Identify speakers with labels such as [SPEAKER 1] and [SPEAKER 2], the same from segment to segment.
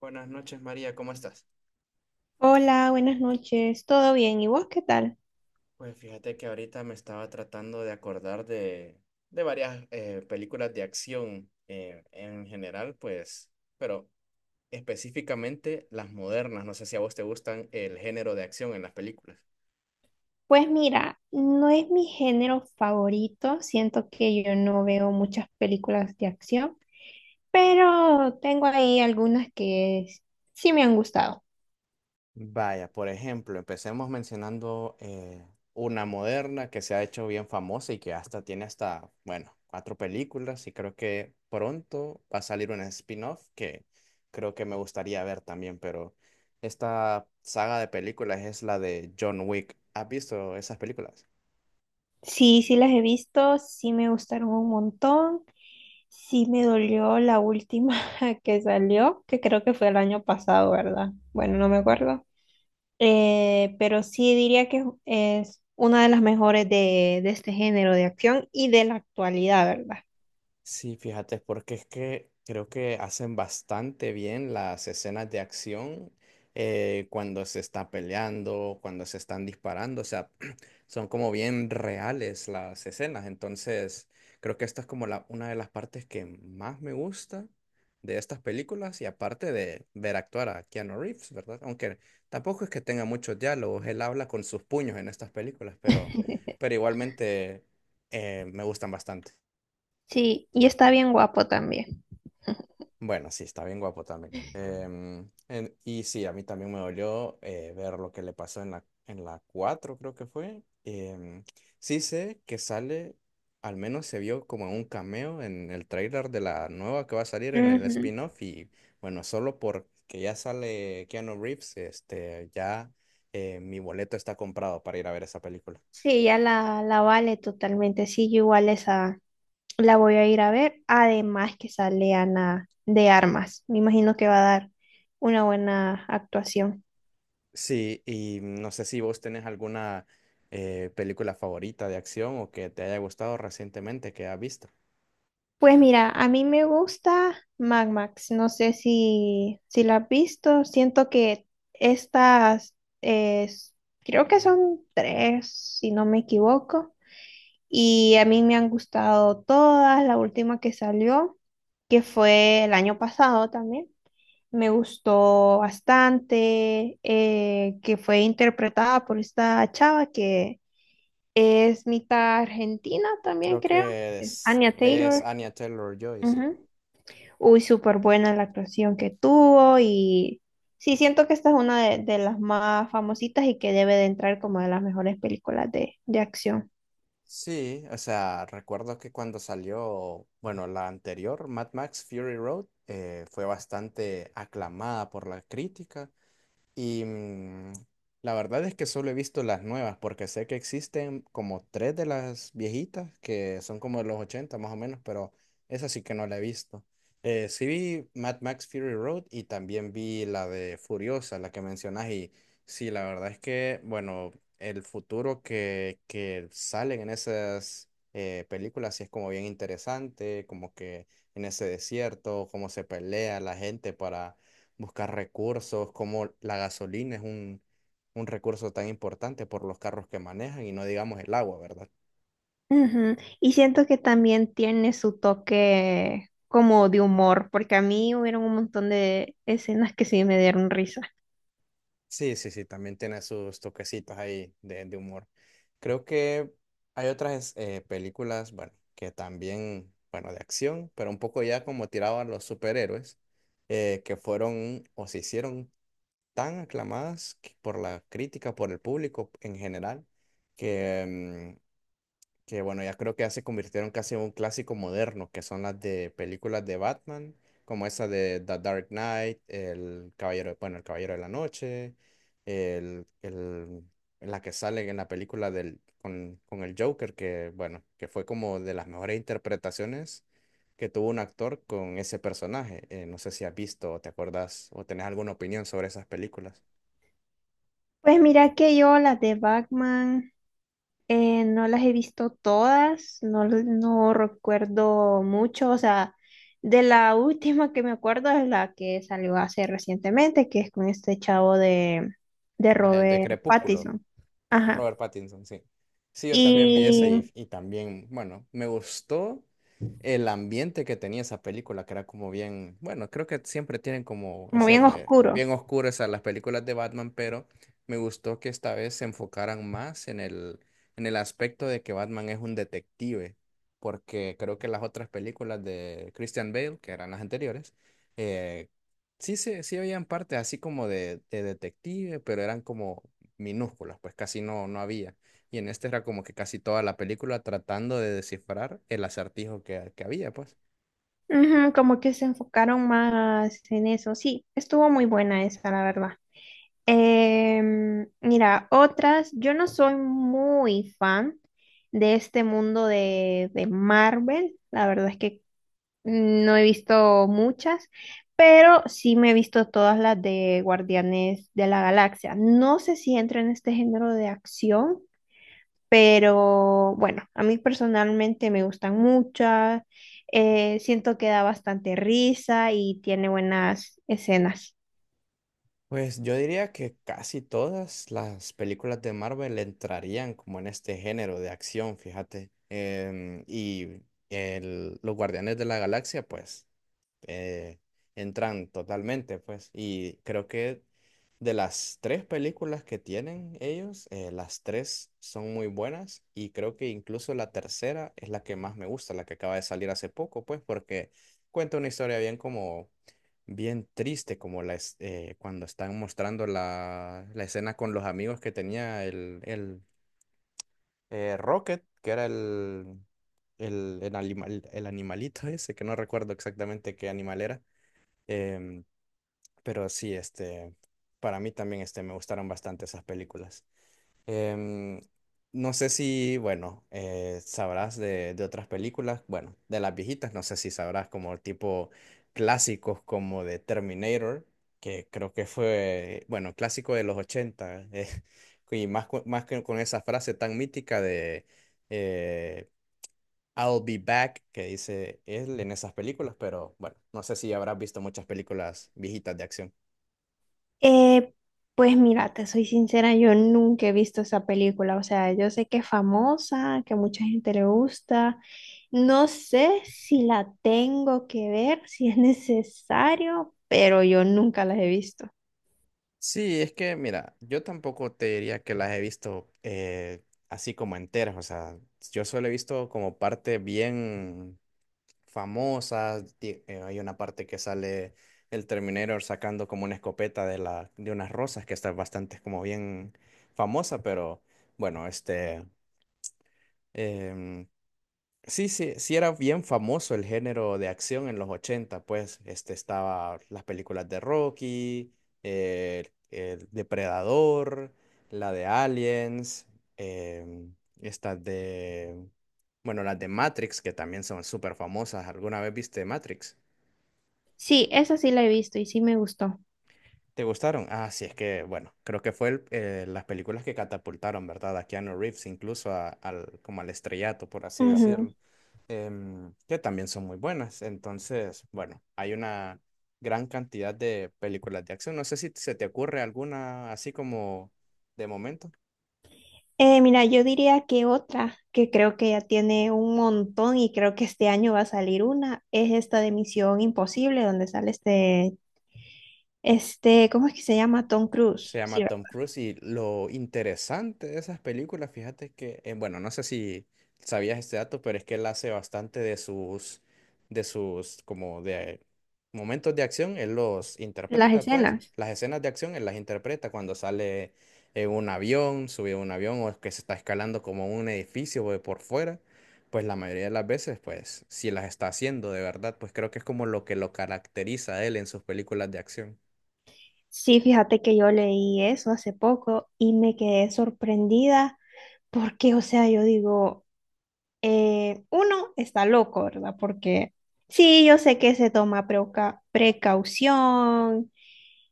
[SPEAKER 1] Buenas noches, María, ¿cómo estás?
[SPEAKER 2] Hola, buenas noches. ¿Todo bien? ¿Y vos qué tal?
[SPEAKER 1] Pues fíjate que ahorita me estaba tratando de acordar de varias películas de acción en general, pues, pero específicamente las modernas. No sé si a vos te gustan el género de acción en las películas.
[SPEAKER 2] Pues mira, no es mi género favorito. Siento que yo no veo muchas películas de acción, pero tengo ahí algunas que sí me han gustado.
[SPEAKER 1] Vaya, por ejemplo, empecemos mencionando una moderna que se ha hecho bien famosa y que hasta tiene hasta, bueno, cuatro películas y creo que pronto va a salir una spin-off que creo que me gustaría ver también, pero esta saga de películas es la de John Wick. ¿Has visto esas películas?
[SPEAKER 2] Sí, sí las he visto, sí me gustaron un montón. Sí me dolió la última que salió, que creo que fue el año pasado, ¿verdad? Bueno, no me acuerdo. Pero sí diría que es una de las mejores de este género de acción y de la actualidad, ¿verdad?
[SPEAKER 1] Sí, fíjate, porque es que creo que hacen bastante bien las escenas de acción cuando se está peleando, cuando se están disparando, o sea, son como bien reales las escenas. Entonces, creo que esta es como una de las partes que más me gusta de estas películas y aparte de ver actuar a Keanu Reeves, ¿verdad? Aunque tampoco es que tenga muchos diálogos, él habla con sus puños en estas películas, pero igualmente me gustan bastante.
[SPEAKER 2] Sí, y está bien guapo también.
[SPEAKER 1] Bueno, sí, está bien guapo también. Y sí, a mí también me dolió ver lo que le pasó en la 4 creo que fue. Sí sé que sale, al menos se vio como un cameo en el trailer de la nueva que va a salir en el
[SPEAKER 2] Ujú.
[SPEAKER 1] spin-off. Y bueno, solo porque ya sale Keanu Reeves, este, ya mi boleto está comprado para ir a ver esa película.
[SPEAKER 2] Sí, ya la vale totalmente. Sí, yo igual esa la voy a ir a ver. Además que sale Ana de Armas. Me imagino que va a dar una buena actuación.
[SPEAKER 1] Sí, y no sé si vos tenés alguna película favorita de acción o que te haya gustado recientemente que has visto.
[SPEAKER 2] Pues mira, a mí me gusta Mad Max. No sé si la has visto. Siento que estas, eh, s- creo que son tres, si no me equivoco. Y a mí me han gustado todas. La última que salió, que fue el año pasado también, me gustó bastante, que fue interpretada por esta chava que es mitad argentina también,
[SPEAKER 1] Creo
[SPEAKER 2] creo.
[SPEAKER 1] que
[SPEAKER 2] Anya
[SPEAKER 1] es
[SPEAKER 2] Taylor.
[SPEAKER 1] Anya Taylor-Joy, sí.
[SPEAKER 2] Ujú. Uy, súper buena la actuación que tuvo y sí, siento que esta es una de las más famositas y que debe de entrar como de las mejores películas de acción.
[SPEAKER 1] Sí, o sea, recuerdo que cuando salió, bueno, la anterior, Mad Max Fury Road, fue bastante aclamada por la crítica. Y la verdad es que solo he visto las nuevas, porque sé que existen como tres de las viejitas, que son como de los 80 más o menos, pero esa sí que no la he visto. Sí vi Mad Max Fury Road y también vi la de Furiosa, la que mencionas, y sí, la verdad es que, bueno, el futuro que salen en esas películas sí es como bien interesante, como que en ese desierto, cómo se pelea la gente para buscar recursos, como la gasolina es un recurso tan importante por los carros que manejan y no digamos el agua, ¿verdad?
[SPEAKER 2] Ujú. Y siento que también tiene su toque como de humor, porque a mí hubieron un montón de escenas que sí me dieron risa.
[SPEAKER 1] Sí, sí, sí, también tiene sus toquecitos ahí de humor. Creo que hay otras películas, bueno, que también, bueno, de acción, pero un poco ya como tiraban los superhéroes, que fueron o se hicieron tan aclamadas por la crítica, por el público en general, que mm, que bueno, ya creo que ya se convirtieron casi en un clásico moderno, que son las de películas de Batman, como esa de The Dark Knight, el Caballero, bueno, el Caballero de la Noche, el, el- la que sale en la película del, con el Joker, que bueno, que fue como de las mejores interpretaciones que tuvo un actor con ese personaje. No sé si has visto o te acordás o tenés alguna opinión sobre esas películas.
[SPEAKER 2] Pues mira que yo las de Batman, no las he visto todas, no, no recuerdo mucho, o sea, de la última que me acuerdo es la que salió hace recientemente, que es con este chavo de
[SPEAKER 1] La de
[SPEAKER 2] Robert
[SPEAKER 1] Crepúsculo.
[SPEAKER 2] Pattinson. Ajá.
[SPEAKER 1] Robert Pattinson, sí. Sí, yo también vi eso
[SPEAKER 2] Y
[SPEAKER 1] y también, bueno, me gustó el ambiente que tenía esa película, que era como bien, bueno, creo que siempre tienen como
[SPEAKER 2] como
[SPEAKER 1] ese,
[SPEAKER 2] bien oscuro.
[SPEAKER 1] bien oscuras las películas de Batman, pero me gustó que esta vez se enfocaran más en en el aspecto de que Batman es un detective, porque creo que las otras películas de Christian Bale, que eran las anteriores, eh, sí, se sí habían partes así como de detective, pero eran como minúsculas, pues casi no, no había. Y en este era como que casi toda la película tratando de descifrar el acertijo que había, pues.
[SPEAKER 2] Ujú, como que se enfocaron más en eso. Sí, estuvo muy buena esa, la verdad. Em, mira, otras, yo no soy muy fan de este mundo de Marvel, la verdad es que no he visto muchas, pero sí me he visto todas las de Guardianes de la Galaxia. No sé si entra en este género de acción, pero bueno, a mí personalmente me gustan muchas, siento que da bastante risa y tiene buenas escenas.
[SPEAKER 1] Pues yo diría que casi todas las películas de Marvel entrarían como en este género de acción, fíjate. Y los Guardianes de la Galaxia, pues eh, entran totalmente, pues. Y creo que de las tres películas que tienen ellos, las tres son muy buenas y creo que incluso la tercera es la que más me gusta, la que acaba de salir hace poco, pues, porque cuenta una historia bien como, bien triste, como cuando están mostrando la escena con los amigos que tenía el Rocket, que era el animal, el animalito ese, que no recuerdo exactamente qué animal era. Em, pero sí, este, para mí también este, me gustaron bastante esas películas. Em, no sé si, bueno, sabrás de otras películas, bueno, de las viejitas, no sé si sabrás como tipo clásicos como de Terminator, que creo que fue, bueno, clásico de los 80 y más, más que con esa frase tan mítica de... eh, I'll Be Back, que dice él en esas películas, pero bueno, no sé si habrás visto muchas películas viejitas de acción.
[SPEAKER 2] Eh, pues mira, te soy sincera, yo nunca he visto esa película, o sea, yo sé que es famosa, que a mucha gente le gusta, no sé si la tengo que ver, si es necesario, pero yo nunca las he visto.
[SPEAKER 1] Sí, es que mira, yo tampoco te diría que las he visto así como enteras, o sea, yo solo he visto como parte bien famosas, hay una parte que sale el Terminator sacando como una escopeta de de unas rosas que está bastante como bien famosa, pero bueno, este... em, sí, sí, sí era bien famoso el género de acción en los ochenta, pues este estaba las películas de Rocky, el Depredador, la de Aliens, em, estas de, bueno, las de Matrix, que también son súper famosas. ¿Alguna vez viste Matrix?
[SPEAKER 2] Sí, esa sí la he visto y sí me gustó.
[SPEAKER 1] ¿Te gustaron? Ah, sí, es que, bueno, creo que fue las películas que catapultaron, ¿verdad? A Keanu Reeves, incluso al, como al estrellato, por así
[SPEAKER 2] Ujú.
[SPEAKER 1] decirlo. Em, que también son muy buenas. Entonces, bueno, hay una gran cantidad de películas de acción. No sé si se te ocurre alguna así como de momento.
[SPEAKER 2] Mira, yo diría que otra, que creo que ya tiene un montón y creo que este año va a salir una, es esta de Misión Imposible, donde sale este, ¿cómo es que se llama? Tom
[SPEAKER 1] Se
[SPEAKER 2] Cruise,
[SPEAKER 1] llama
[SPEAKER 2] ¿cierto?
[SPEAKER 1] Tom Cruise y lo interesante de esas películas, fíjate que, bueno, no sé si sabías este dato, pero es que él hace bastante como de momentos de acción, él los
[SPEAKER 2] Las
[SPEAKER 1] interpreta, pues,
[SPEAKER 2] escenas.
[SPEAKER 1] las escenas de acción él las interpreta cuando sale en un avión, sube a un avión o es que se está escalando como un edificio o de por fuera, pues la mayoría de las veces, pues, si las está haciendo de verdad, pues creo que es como lo que lo caracteriza a él en sus películas de acción.
[SPEAKER 2] Sí, fíjate que yo leí eso hace poco y me quedé sorprendida porque, o sea, yo digo, uno está loco, ¿verdad? Porque sí, yo sé que se toma precaución,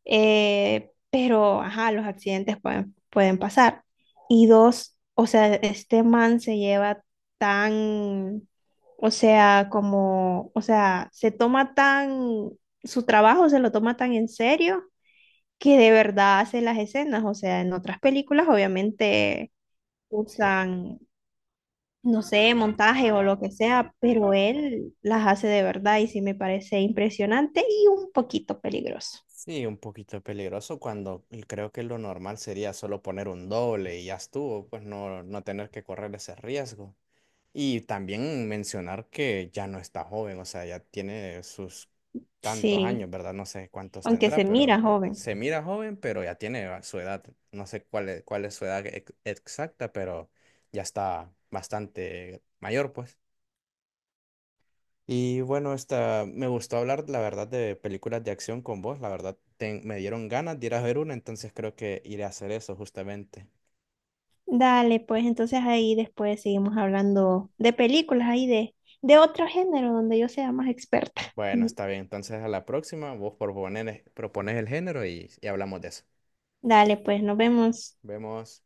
[SPEAKER 2] pero, ajá, los accidentes pueden, pueden pasar. Y dos, o sea, este man se lleva tan, o sea, como, o sea, se toma tan, su trabajo se lo toma tan en serio que de verdad hace las escenas. O sea, en otras películas obviamente usan, no sé, montaje o lo que sea, pero él las hace de verdad y sí me parece impresionante y un poquito peligroso.
[SPEAKER 1] Sí, un poquito peligroso cuando y creo que lo normal sería solo poner un doble y ya estuvo, pues no, no tener que correr ese riesgo. Y también mencionar que ya no está joven, o sea, ya tiene sus tantos
[SPEAKER 2] Sí,
[SPEAKER 1] años, ¿verdad? No sé cuántos
[SPEAKER 2] aunque se
[SPEAKER 1] tendrá, pero
[SPEAKER 2] mira joven.
[SPEAKER 1] se mira joven, pero ya tiene su edad. No sé cuál es su edad exacta, pero ya está bastante mayor, pues. Y bueno, esta, me gustó hablar, la verdad, de películas de acción con vos. La verdad, me dieron ganas de ir a ver una, entonces creo que iré a hacer eso justamente.
[SPEAKER 2] Dale, pues entonces ahí después seguimos hablando de películas, ahí de otro género donde yo sea más experta.
[SPEAKER 1] Bueno, está bien. Entonces a la próxima, vos propones, propones el género y hablamos de eso.
[SPEAKER 2] Dale, pues nos vemos.
[SPEAKER 1] Vemos.